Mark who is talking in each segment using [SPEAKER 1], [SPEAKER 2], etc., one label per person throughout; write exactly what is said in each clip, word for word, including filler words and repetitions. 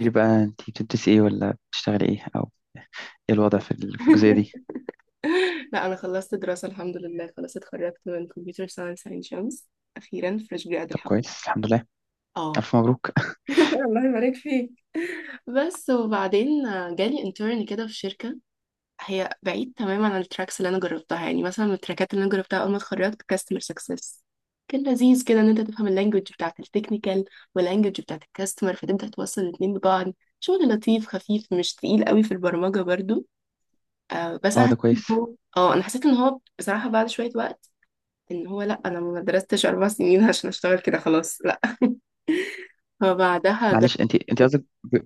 [SPEAKER 1] لي بقى، انتي بتدرسي ايه ولا بتشتغلي ايه، او ايه الوضع في ال- في الجزئيه دي؟
[SPEAKER 2] لا، انا خلصت دراسة، الحمد لله. خلاص، اتخرجت من كمبيوتر ساينس عين شمس. اخيرا فريش جراد،
[SPEAKER 1] طب
[SPEAKER 2] الحمد لله.
[SPEAKER 1] كويس، الحمد لله.
[SPEAKER 2] اه.
[SPEAKER 1] الف مبروك.
[SPEAKER 2] الله يبارك فيك. بس وبعدين جالي انترن كده في شركة هي بعيد تماما عن التراكس اللي انا جربتها. يعني مثلا من التراكات اللي انا جربتها اول ما اتخرجت كاستمر سكسس. كان لذيذ كده ان انت تفهم اللانجوج بتاعت التكنيكال واللانجوج بتاعت الكاستمر، فتبدا توصل الاتنين ببعض. شغل لطيف خفيف، مش تقيل قوي في البرمجة برضو. آه بس
[SPEAKER 1] اه،
[SPEAKER 2] انا
[SPEAKER 1] ده
[SPEAKER 2] حسيت
[SPEAKER 1] كويس.
[SPEAKER 2] ان هو اه انا حسيت ان هو بصراحة بعد شوية وقت، ان هو لا، انا ما درستش اربع سنين عشان اشتغل كده، خلاص لا. فبعدها جربت.
[SPEAKER 1] معلش، انتي انتي قصدك ب-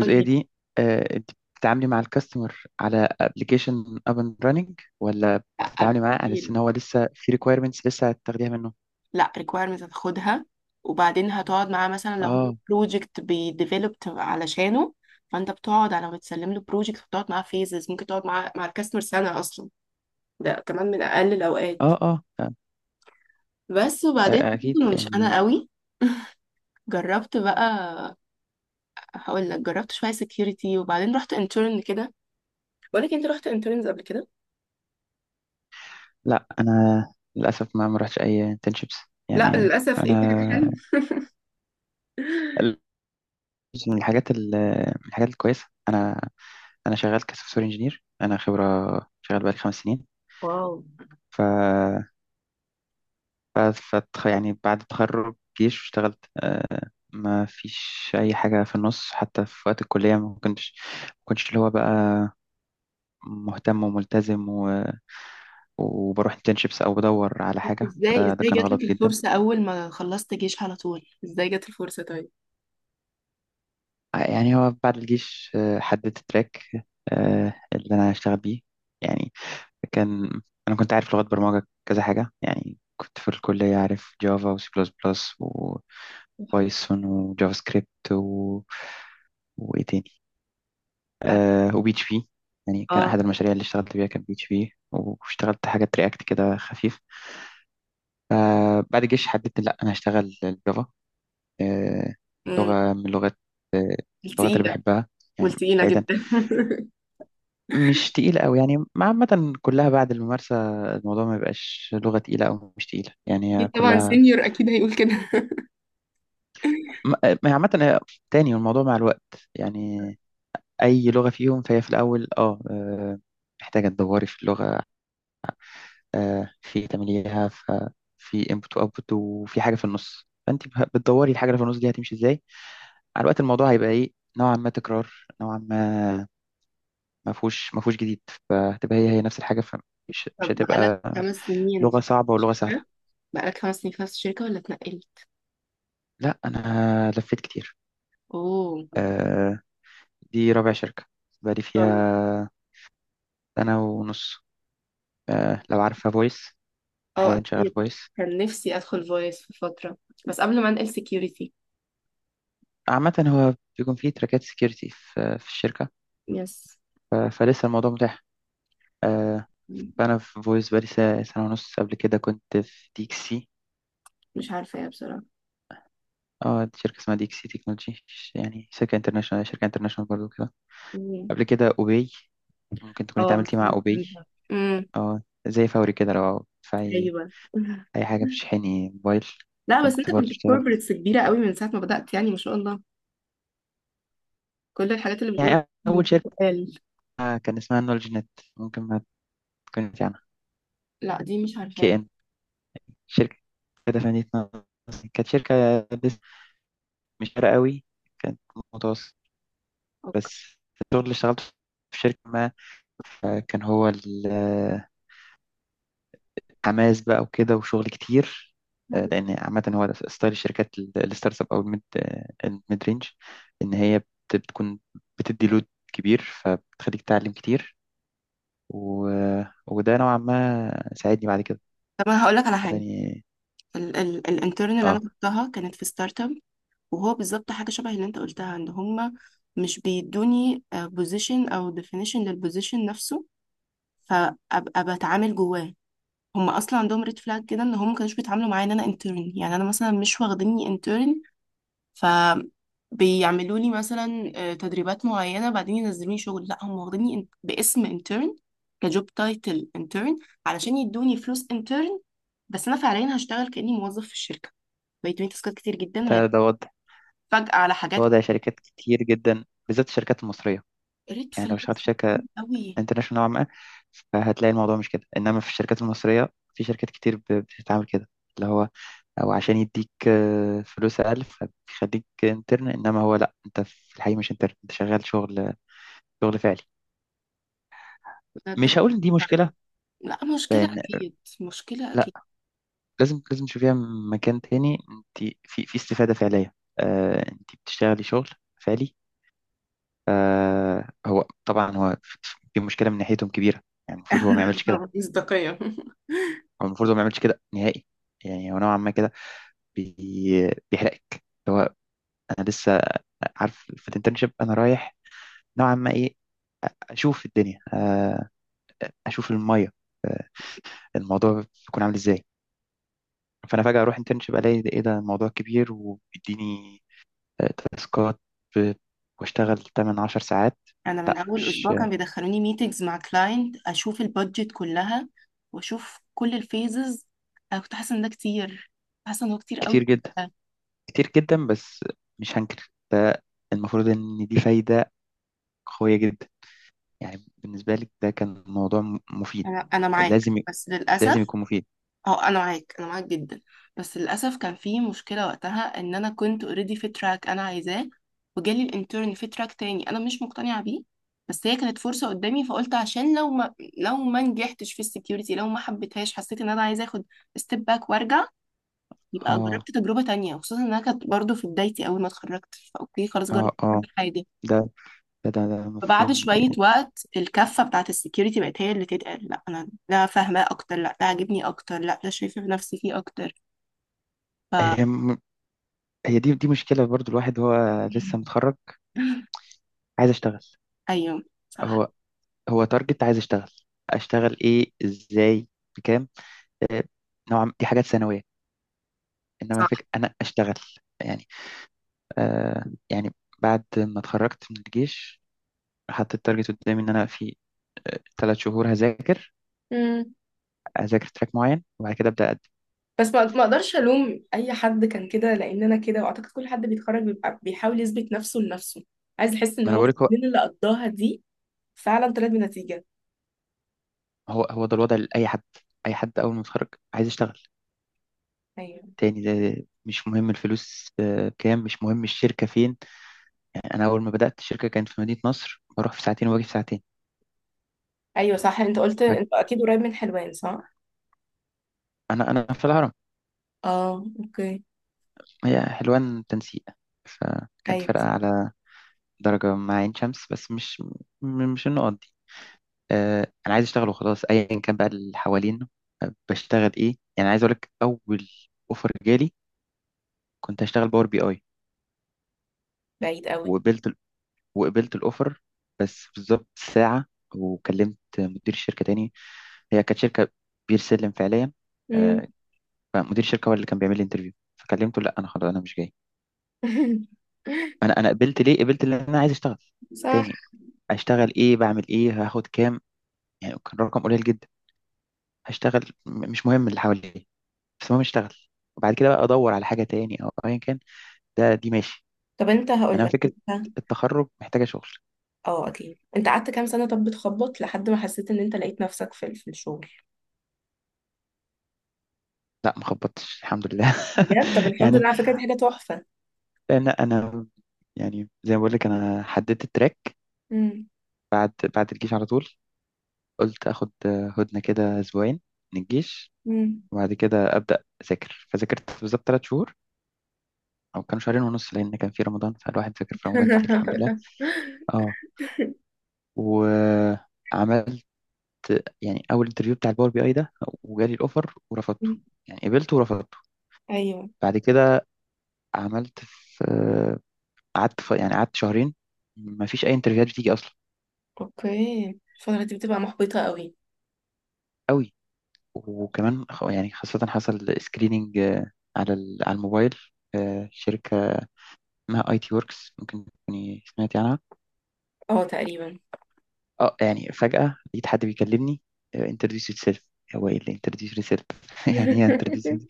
[SPEAKER 2] تقول لي.
[SPEAKER 1] دي؟ آه انتي بتتعاملي مع الكاستمر على ابلكيشن اب اند راننج، ولا
[SPEAKER 2] لا
[SPEAKER 1] بتتعاملي معاه على اساس
[SPEAKER 2] بتدي
[SPEAKER 1] ان هو لسه في ريكويرمنتس لسه هتاخديها منه؟
[SPEAKER 2] لا، requirements هتاخدها، وبعدين هتقعد معاه مثلا لو هو
[SPEAKER 1] اه
[SPEAKER 2] بروجكت بيديفلوبت علشانه. فانت بتقعد على ما تسلم له بروجكت، بتقعد معاه فيزز. ممكن تقعد مع مع الكاستمر سنه اصلا، ده كمان من اقل الاوقات.
[SPEAKER 1] اه اه آه،
[SPEAKER 2] بس وبعدين
[SPEAKER 1] آه،
[SPEAKER 2] حسيت
[SPEAKER 1] اكيد
[SPEAKER 2] إنه مش انا
[SPEAKER 1] يعني.
[SPEAKER 2] قوي. جربت بقى، هقول لك جربت شويه سكيورتي وبعدين رحت انترن كده. بقول لك انت، رحت انترنز قبل كده؟
[SPEAKER 1] لا انا للاسف ما ما رحتش اي انترنشيبس،
[SPEAKER 2] لا
[SPEAKER 1] يعني
[SPEAKER 2] للأسف، ايه ده، حلو.
[SPEAKER 1] انا. من الحاجات ال- من الحاجات الكويسه، انا انا شغال كسوفت وير انجينير، انا خبره، شغال بقالي خمس سنين.
[SPEAKER 2] واو.
[SPEAKER 1] ف ف فتخ- يعني بعد التخرج جيش اشتغلت، آه، ما فيش اي حاجه في النص، حتى في وقت الكليه ما كنتش ما كنتش اللي هو بقى مهتم وملتزم و... وبروح انترنشيبس او بدور على حاجه،
[SPEAKER 2] ازاي،
[SPEAKER 1] فده ده
[SPEAKER 2] ازاي
[SPEAKER 1] كان
[SPEAKER 2] جات لك
[SPEAKER 1] غلط جدا.
[SPEAKER 2] الفرصة اول ما خلصت جيش على طول؟ ازاي جت الفرصة طيب؟
[SPEAKER 1] يعني هو بعد الجيش آه، حددت التراك آه، اللي انا هشتغل بيه. يعني كان انا كنت عارف لغات برمجه كذا حاجه، يعني كنت في الكليه عارف جافا وسي بلس بلس وبايثون وجافا سكريبت و... وايه تاني؟ آه وبي اتش بي. يعني كان
[SPEAKER 2] اه.
[SPEAKER 1] احد المشاريع اللي اشتغلت بيها كان بي اتش بي، واشتغلت حاجات رياكت كده خفيف. آه بعد الجيش حددت، لا انا هشتغل الجافا. آه
[SPEAKER 2] مم،
[SPEAKER 1] لغه من لغات آه اللغات اللي
[SPEAKER 2] التقيلة.
[SPEAKER 1] بحبها، يعني
[SPEAKER 2] والتقيلة
[SPEAKER 1] بعيدا.
[SPEAKER 2] جدا.
[SPEAKER 1] مش تقيلة أوي، يعني ما عامة كلها بعد الممارسة، الموضوع ما بيبقاش لغة تقيلة أو مش تقيلة، يعني هي
[SPEAKER 2] اكيد طبعا،
[SPEAKER 1] كلها.
[SPEAKER 2] سينيور اكيد هيقول كده.
[SPEAKER 1] ما ما هي عامة، هي- تاني الموضوع مع الوقت، يعني. أي لغة فيهم فهي في الأول أه آه، محتاجة تدوري في اللغة، آه، في تمليها، ف- في input و output، وفي حاجة في النص فأنت به- بتدوري الحاجة اللي في النص دي هتمشي إزاي. مع الوقت الموضوع هيبقى إيه؟ نوعا ما تكرار، نوعا ما ما فيهوش ما فيهوش جديد. فهتبقى هي هي نفس الحاجة، فمش مش
[SPEAKER 2] طب بقالك
[SPEAKER 1] هتبقى
[SPEAKER 2] خمس سنين في
[SPEAKER 1] لغة صعبة
[SPEAKER 2] نفس
[SPEAKER 1] ولغة
[SPEAKER 2] الشركة
[SPEAKER 1] سهلة.
[SPEAKER 2] بقالك خمس سنين في نفس الشركة ولا اتنقلت؟
[SPEAKER 1] لا انا لفيت كتير.
[SPEAKER 2] اوه.
[SPEAKER 1] آه دي رابع شركه بقالي فيها
[SPEAKER 2] طبعاً.
[SPEAKER 1] سنه ونص. آه لو عارفه فويس،
[SPEAKER 2] اه
[SPEAKER 1] حاليا شغال
[SPEAKER 2] اكيد.
[SPEAKER 1] فويس.
[SPEAKER 2] كان نفسي ادخل فويس في فترة، بس قبل ما انقل سكيورتي.
[SPEAKER 1] عامه هو بيكون فيه تراكات سكيورتي في, في الشركه.
[SPEAKER 2] يس.
[SPEAKER 1] ف- فلسه الموضوع متاح آه
[SPEAKER 2] مم،
[SPEAKER 1] فانا في فويس بقالي س- سنه ونص. قبل كده كنت في ديكسي.
[SPEAKER 2] مش عارفة ايه بصراحة.
[SPEAKER 1] اه، دي شركه اسمها ديكسي تكنولوجي، يعني شركه انترناشونال، شركه انترناشونال برضو كده.
[SPEAKER 2] مم.
[SPEAKER 1] قبل كده اوبي، ممكن تكوني
[SPEAKER 2] اه،
[SPEAKER 1] اتعاملتي مع
[SPEAKER 2] سمعت
[SPEAKER 1] اوبي.
[SPEAKER 2] عنها.
[SPEAKER 1] اه زي فوري كده لو تدفعي
[SPEAKER 2] ايوه.
[SPEAKER 1] اي حاجه بتشحني موبايل.
[SPEAKER 2] لا بس
[SPEAKER 1] كنت
[SPEAKER 2] انت
[SPEAKER 1] برضو
[SPEAKER 2] كنت في
[SPEAKER 1] اشتغلت.
[SPEAKER 2] كوربريتس كبيره قوي من ساعه ما بدات، يعني ما شاء الله، كل الحاجات اللي بتقولها
[SPEAKER 1] يعني اول شركه
[SPEAKER 2] بتتقال.
[SPEAKER 1] كان اسمها نولج نت، ممكن ما تكونش عنها.
[SPEAKER 2] لا، دي مش
[SPEAKER 1] كي
[SPEAKER 2] عارفاها.
[SPEAKER 1] ان، شركه كده فنيت نص. كانت شركه لسه مش فارقه قوي، كانت متوسط.
[SPEAKER 2] اوكي.
[SPEAKER 1] بس الشغل اللي اشتغلته في شركه ما، آه، كان هو الحماس بقى وكده وشغل كتير. آه، لان عامه هو ده ستايل الشركات ال- الستارت اب او الميد، آه، الميد رينج. ان هي بت- بتكون بتدي لود كبير، فبتخليك تتعلم كتير و... وده نوعا ما ساعدني بعد كده،
[SPEAKER 2] طب انا هقول لك على حاجه،
[SPEAKER 1] خلاني.
[SPEAKER 2] ال- ال- الانترن اللي انا
[SPEAKER 1] اه،
[SPEAKER 2] كنتها كانت في ستارت اب. وهو بالظبط حاجه شبه اللي انت قلتها، ان هم مش بيدوني بوزيشن او ديفينيشن للبوزيشن نفسه، فابقى بتعامل جواه. هم اصلا عندهم ريد فلاج كده، ان هم ما كانوش بيتعاملوا معايا ان انا انترن. يعني انا مثلا مش واخديني intern، فبيعملوا لي مثلا آه، تدريبات معينة بعدين ينزلوني شغل. لا هم واخديني in- باسم انترن، كجوب تايتل انترن، علشان يدوني فلوس انترن، بس انا فعليا هشتغل كأني موظف في الشركة. بيدوني تاسكات كتير جدا،
[SPEAKER 1] ده ده وضع
[SPEAKER 2] وهتفاجئ على
[SPEAKER 1] ده
[SPEAKER 2] حاجات.
[SPEAKER 1] وضع شركات كتير جدا، بالذات الشركات المصرية.
[SPEAKER 2] ريد
[SPEAKER 1] يعني لو اشتغلت في
[SPEAKER 2] فلاجز
[SPEAKER 1] شركة
[SPEAKER 2] قوي.
[SPEAKER 1] انترناشونال نوعا ما فهتلاقي الموضوع مش كده، انما في الشركات المصرية في شركات كتير ب- بتتعامل كده، اللي هو او عشان يديك آه، فلوس اقل فبيخليك انترن، انما هو لا، انت في الحقيقة مش انترن، انت شغال شغل، شغل فعلي.
[SPEAKER 2] بجد
[SPEAKER 1] مش
[SPEAKER 2] كنت
[SPEAKER 1] هقول ان دي مشكلة،
[SPEAKER 2] معترضة. لا، مصداقية. مشكلة
[SPEAKER 1] لان
[SPEAKER 2] أكيد، مشكلة أكيد.
[SPEAKER 1] لازم لازم تشوفيها من مكان تاني، انت في في استفادة فعلية، آه انت بتشتغلي شغل فعلي. آه هو طبعا، هو في في مشكلة من ناحيتهم كبيرة. يعني المفروض هو ما يعملش كده.
[SPEAKER 2] مصداقية.
[SPEAKER 1] هو المفروض هو ما يعملش كده نهائي. يعني هو نوعا ما كده بي بيحرقك، اللي هو. انا لسه عارف في الانترنشيب انا رايح نوعا ما ايه، اشوف الدنيا آه اشوف المية، آه الموضوع بيكون عامل ازاي. فانا فجأة اروح انترنشيب الاقي ده- ايه ده، الموضوع كبير وبيديني آه، تاسكات، ب- واشتغل تمن عشر ساعات.
[SPEAKER 2] انا من
[SPEAKER 1] لا،
[SPEAKER 2] اول
[SPEAKER 1] مش
[SPEAKER 2] اسبوع
[SPEAKER 1] آه،
[SPEAKER 2] كان بيدخلوني ميتينجز مع كلاينت، اشوف البادجت كلها واشوف كل الفيزز. انا كنت حاسه ان ده كتير، حاسه ان هو كتير
[SPEAKER 1] كتير
[SPEAKER 2] قوي.
[SPEAKER 1] جدا، كتير جدا، بس مش هنكر ده، المفروض ان دي فايدة قوية جدا. يعني بالنسبة لي ده كان موضوع م- مفيد.
[SPEAKER 2] انا انا معاك،
[SPEAKER 1] لازم ي-
[SPEAKER 2] بس
[SPEAKER 1] لازم
[SPEAKER 2] للاسف.
[SPEAKER 1] يكون مفيد.
[SPEAKER 2] اه، انا معاك، انا معاك جدا. بس للاسف كان في مشكله وقتها، ان انا كنت اوريدي في تراك انا عايزاه، وجالي الانترن في تراك تاني انا مش مقتنعه بيه. بس هي كانت فرصه قدامي، فقلت عشان لو ما لو ما نجحتش في السكيورتي، لو ما حبيتهاش، حسيت ان انا عايزه اخد ستيب باك وارجع. يبقى
[SPEAKER 1] اه
[SPEAKER 2] جربت تجربة تانية، وخصوصا انها كانت برضو في بدايتي اول ما اتخرجت، فاوكي، خلاص
[SPEAKER 1] اه
[SPEAKER 2] جربت
[SPEAKER 1] اه
[SPEAKER 2] كل حاجة.
[SPEAKER 1] ده ده ده, ده
[SPEAKER 2] فبعد
[SPEAKER 1] مفهوم.
[SPEAKER 2] شوية وقت، الكفة بتاعت السكيورتي بقت هي اللي تتقال. لا، انا ده فاهماه اكتر، لا ده عاجبني اكتر، لا ده شايفة نفسي فيه اكتر. ف
[SPEAKER 1] هي م- هي دي دي مشكلة برضو، الواحد هو لسه متخرج، عايز اشتغل.
[SPEAKER 2] ايوه، صح
[SPEAKER 1] هو هو تارجت، عايز اشتغل. اشتغل ايه ازاي بكام؟ آه، نوعا دي حاجات ثانوية، انما
[SPEAKER 2] صح.
[SPEAKER 1] الفكره انا اشتغل. يعني آه يعني بعد ما اتخرجت من الجيش حطيت التارجت قدامي، ان انا في ثلاث شهور هذاكر
[SPEAKER 2] مم.
[SPEAKER 1] هذاكر تراك معين، وبعد كده ابدا اقدم.
[SPEAKER 2] بس ما ما اقدرش الوم اي حد كان كده، لان انا كده. واعتقد كل حد بيتخرج بيبقى بيحاول يثبت نفسه لنفسه، عايز يحس ان
[SPEAKER 1] ما انا
[SPEAKER 2] هو
[SPEAKER 1] بقولك، هو
[SPEAKER 2] السنين اللي قضاها دي فعلا طلعت بنتيجه.
[SPEAKER 1] هو هو ده الوضع لاي حد. اي حد اول ما يتخرج عايز يشتغل
[SPEAKER 2] ايوه،
[SPEAKER 1] تاني، ده مش مهم الفلوس آه، كام، مش مهم الشركه فين. يعني انا اول ما بدات الشركه كانت في مدينه نصر، بروح في ساعتين واجي في ساعتين.
[SPEAKER 2] ايوه، صح. انت قلت انت اكيد قريب من حلوان، صح؟
[SPEAKER 1] انا انا في الهرم.
[SPEAKER 2] اه، اوكي.
[SPEAKER 1] هي حلوان تنسيق، فكانت
[SPEAKER 2] ايوه.
[SPEAKER 1] فرقه على درجه مع عين شمس، بس مش م- مش النقط. آه، انا عايز اشتغل وخلاص، ايا كان بقى اللي حوالينا، آه، بشتغل ايه. يعني عايز اقول لك، اول اوفر جالي كنت هشتغل باور بي اي.
[SPEAKER 2] بعيد قوي.
[SPEAKER 1] وقبلت ال- وقبلت الاوفر، بس بالظبط ساعه وكلمت مدير الشركه تاني. هي كانت شركه بير سلم فعليا،
[SPEAKER 2] امم.
[SPEAKER 1] آه، فمدير الشركه هو اللي كان بيعمل لي انترفيو. فكلمته، لا انا خلاص، انا مش جاي. انا انا قبلت، ليه قبلت؟ لان انا عايز اشتغل
[SPEAKER 2] صح.
[SPEAKER 1] تاني. اشتغل ايه بعمل ايه هاخد كام؟ يعني كان رقم قليل جدا، هشتغل م- مش مهم اللي حواليا، بس المهم اشتغل. وبعد كده بقى ادور على حاجه تاني او ايا كان. ده دي ماشي.
[SPEAKER 2] طب انت، هقول
[SPEAKER 1] انا
[SPEAKER 2] لك
[SPEAKER 1] فكره
[SPEAKER 2] انت.
[SPEAKER 1] التخرج محتاجه شغل.
[SPEAKER 2] اه اكيد. انت قعدت كام سنه طب بتخبط لحد ما حسيت ان انت لقيت نفسك في في الشغل؟
[SPEAKER 1] لا ما خبطتش، الحمد لله.
[SPEAKER 2] بجد؟ طب الحمد
[SPEAKER 1] يعني،
[SPEAKER 2] لله، على فكره دي حاجه تحفه.
[SPEAKER 1] لان انا، يعني زي ما بقول لك انا حددت التراك
[SPEAKER 2] امم.
[SPEAKER 1] بعد بعد الجيش على طول. قلت اخد هدنه كده اسبوعين من الجيش،
[SPEAKER 2] امم.
[SPEAKER 1] وبعد كده ابدا اذاكر. فذاكرت بالظبط ثلاث شهور، او كانوا شهرين ونص لان كان في رمضان، فالواحد ذاكر في رمضان كتير الحمد لله. اه و يعني اول انترفيو بتاع الباور بي اي ده، وجالي الاوفر ورفضته. يعني قبلته ورفضته.
[SPEAKER 2] ايوه.
[SPEAKER 1] بعد كده عملت في قعدت في يعني قعدت شهرين، ما فيش اي انترفيوهات بتيجي اصلا.
[SPEAKER 2] اوكي، الفتره دي بتبقى محبطه قوي.
[SPEAKER 1] قوي. وكمان خ- يعني خاصة حصل سكريننج على ال- على الموبايل. آه، شركة اسمها اي تي وركس، ممكن تكوني سمعتي عنها.
[SPEAKER 2] اه تقريبا.
[SPEAKER 1] اه، يعني فجأة لقيت حد بيكلمني، انتروديوس يور سيلف. هو ايه اللي انتروديوس يور سيلف؟ يعني ايه انتروديوس؟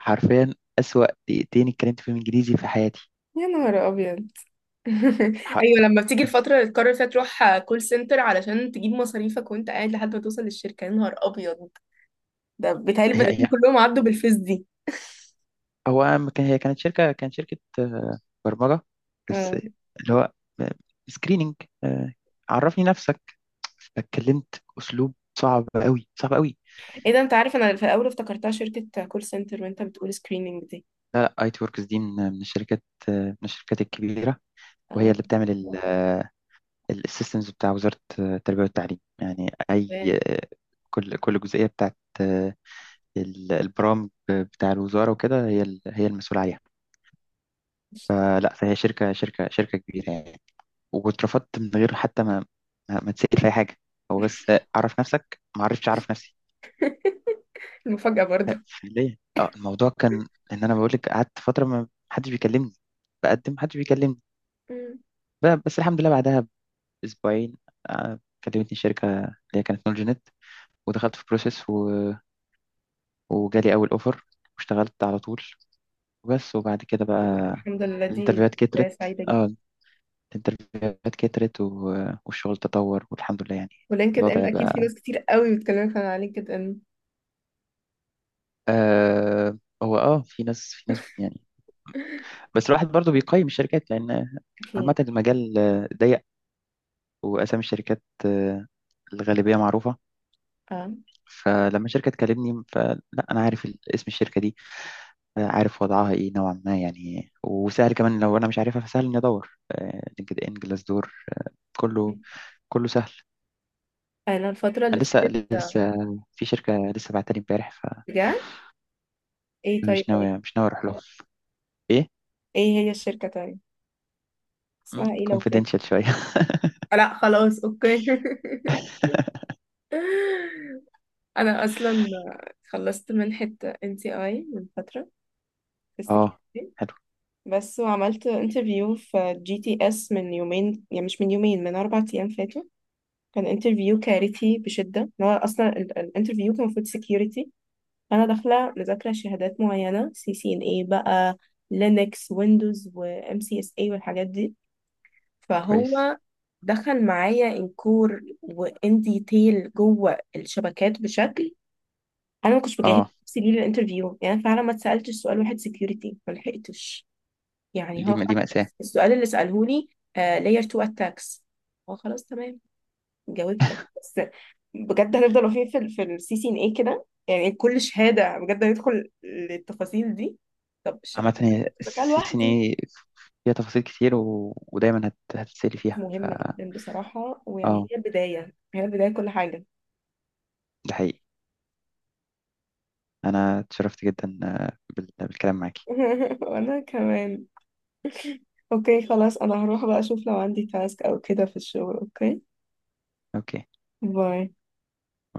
[SPEAKER 1] حرفيا أسوأ دقيقتين اتكلمت فيهم انجليزي في حياتي.
[SPEAKER 2] يا نهار ابيض.
[SPEAKER 1] ح-
[SPEAKER 2] ايوه، لما بتيجي الفتره اللي تقرر فيها تروح كول سنتر علشان تجيب مصاريفك وانت قاعد لحد ما توصل للشركه، يا نهار ابيض. ده بيتهيألي
[SPEAKER 1] هي
[SPEAKER 2] البني
[SPEAKER 1] هي
[SPEAKER 2] كلهم عدوا بالفيس دي.
[SPEAKER 1] هو ما كان هي كانت شركة كانت شركة آه، برمجة بس.
[SPEAKER 2] اه.
[SPEAKER 1] اللي هو سكريننج، عرفني نفسك، اتكلمت اسلوب صعب قوي، صعب قوي.
[SPEAKER 2] ايه ده، انت عارف انا في الاول افتكرتها شركه كول سنتر، وانت بتقول سكريننج دي.
[SPEAKER 1] لا لا، اي تي وركس دي من من الشركات آه، من الشركات الكبيرة. وهي
[SPEAKER 2] اه.
[SPEAKER 1] اللي بتعمل السيستمز بتاع وزارة آه، التربية والتعليم، يعني اي.
[SPEAKER 2] تمام.
[SPEAKER 1] آه، كل كل جزئية بتاعت آه، ال- البرامج بتاع الوزارة، وكده هي ال- هي المسؤولة عليها. فلا، فهي شركة شركة شركة كبيرة يعني. واترفضت من غير حتى ما ما, ما تسأل في أي حاجة. هو بس أعرف نفسك، ما عرفتش أعرف نفسي.
[SPEAKER 2] المفاجاه برضو.
[SPEAKER 1] فعليا اه الموضوع كان إن أنا بقول لك، قعدت فترة ما حدش بيكلمني، بقدم محدش بيكلمني.
[SPEAKER 2] مم.
[SPEAKER 1] ب- بس الحمد لله بعدها بأسبوعين آه، كلمتني شركة اللي هي كانت نولجينيت، ودخلت في بروسيس و... وجالي أول أوفر، واشتغلت على طول. وبس، وبعد كده بقى
[SPEAKER 2] الحمد لله، دي
[SPEAKER 1] الانترفيوهات
[SPEAKER 2] بدايه
[SPEAKER 1] كترت.
[SPEAKER 2] سعيده جدا.
[SPEAKER 1] اه، الانترفيوهات كترت و... والشغل تطور، والحمد لله، يعني
[SPEAKER 2] ولينكد ان،
[SPEAKER 1] الوضع
[SPEAKER 2] اكيد في
[SPEAKER 1] بقى.
[SPEAKER 2] ناس كتير قوي بتكلمك عن لينكد ان.
[SPEAKER 1] آه هو اه في ناس، في ناس، يعني. بس الواحد برضو بيقيم الشركات، لان عامة
[SPEAKER 2] اكيد.
[SPEAKER 1] المجال آه، ضيق، واسامي الشركات آه، الغالبية معروفة.
[SPEAKER 2] اه.
[SPEAKER 1] فلما شركة تكلمني فلا، أنا عارف ال- اسم الشركة دي، آه، عارف وضعها إيه نوعا ما يعني. وسهل كمان لو أنا مش عارفها فسهل إني أدور، لينكد إن، جلاس دور، كله كله سهل.
[SPEAKER 2] انا الفتره اللي
[SPEAKER 1] أنا لسه
[SPEAKER 2] فاتت، آه،
[SPEAKER 1] لسه في شركة لسه بعتني امبارح،
[SPEAKER 2] بجد؟ ايه طيب؟
[SPEAKER 1] فمش ناوي مش ناوي أروح لهم. إيه؟
[SPEAKER 2] ايه هي الشركه طيب؟ اسمها ايه لو
[SPEAKER 1] كونفيدنشال
[SPEAKER 2] فاكر؟
[SPEAKER 1] شوية.
[SPEAKER 2] لا خلاص، اوكي. انا اصلا خلصت منحة ان تي اي من فترة في
[SPEAKER 1] أه،
[SPEAKER 2] السكيورتي.
[SPEAKER 1] حلو.
[SPEAKER 2] بس وعملت انترفيو في جي تي اس من يومين، يعني مش من يومين، من اربع ايام فاتوا. كان انترفيو كارثي بشدة، إن هو اصلا ال- الانترفيو كان المفروض سكيورتي. انا داخلة مذاكرة شهادات معينة، سي سي ان اي بقى، لينكس ويندوز وام سي اس اي والحاجات دي.
[SPEAKER 1] كويس.
[SPEAKER 2] فهو دخل معايا انكور وان ديتيل جوه الشبكات بشكل، انا ما كنتش بجهز
[SPEAKER 1] اه،
[SPEAKER 2] نفسي ليه للانترفيو. يعني أنا فعلا ما اتسالتش سؤال واحد سكيورتي، ما لحقتش.
[SPEAKER 1] دي
[SPEAKER 2] يعني هو
[SPEAKER 1] دي
[SPEAKER 2] فعلا
[SPEAKER 1] مأساة.
[SPEAKER 2] السؤال اللي ساله لي، لاير اتنين اتاكس. هو خلاص تمام، جاوبتك. بس بجد، هنفضل واقفين في ال في السي سي ان اي كده؟ يعني كل شهاده بجد هندخل للتفاصيل دي؟ طب
[SPEAKER 1] عامة
[SPEAKER 2] الشبكات
[SPEAKER 1] هي
[SPEAKER 2] كنت بذاكرها
[SPEAKER 1] السي سي ان
[SPEAKER 2] لوحدي.
[SPEAKER 1] اي فيها تفاصيل كتير و... ودايما هت... هتتسألي فيها. ف
[SPEAKER 2] مهمه جدا بصراحه، ويعني
[SPEAKER 1] اه
[SPEAKER 2] هي البدايه، هي البدايه كل حاجه.
[SPEAKER 1] ده حقيقي. انا اتشرفت جدا آه، بال... بالكلام معاكي.
[SPEAKER 2] وانا كمان. اوكي خلاص، انا هروح بقى اشوف لو عندي تاسك او كده في الشغل. اوكي.
[SPEAKER 1] اوكي.
[SPEAKER 2] باي.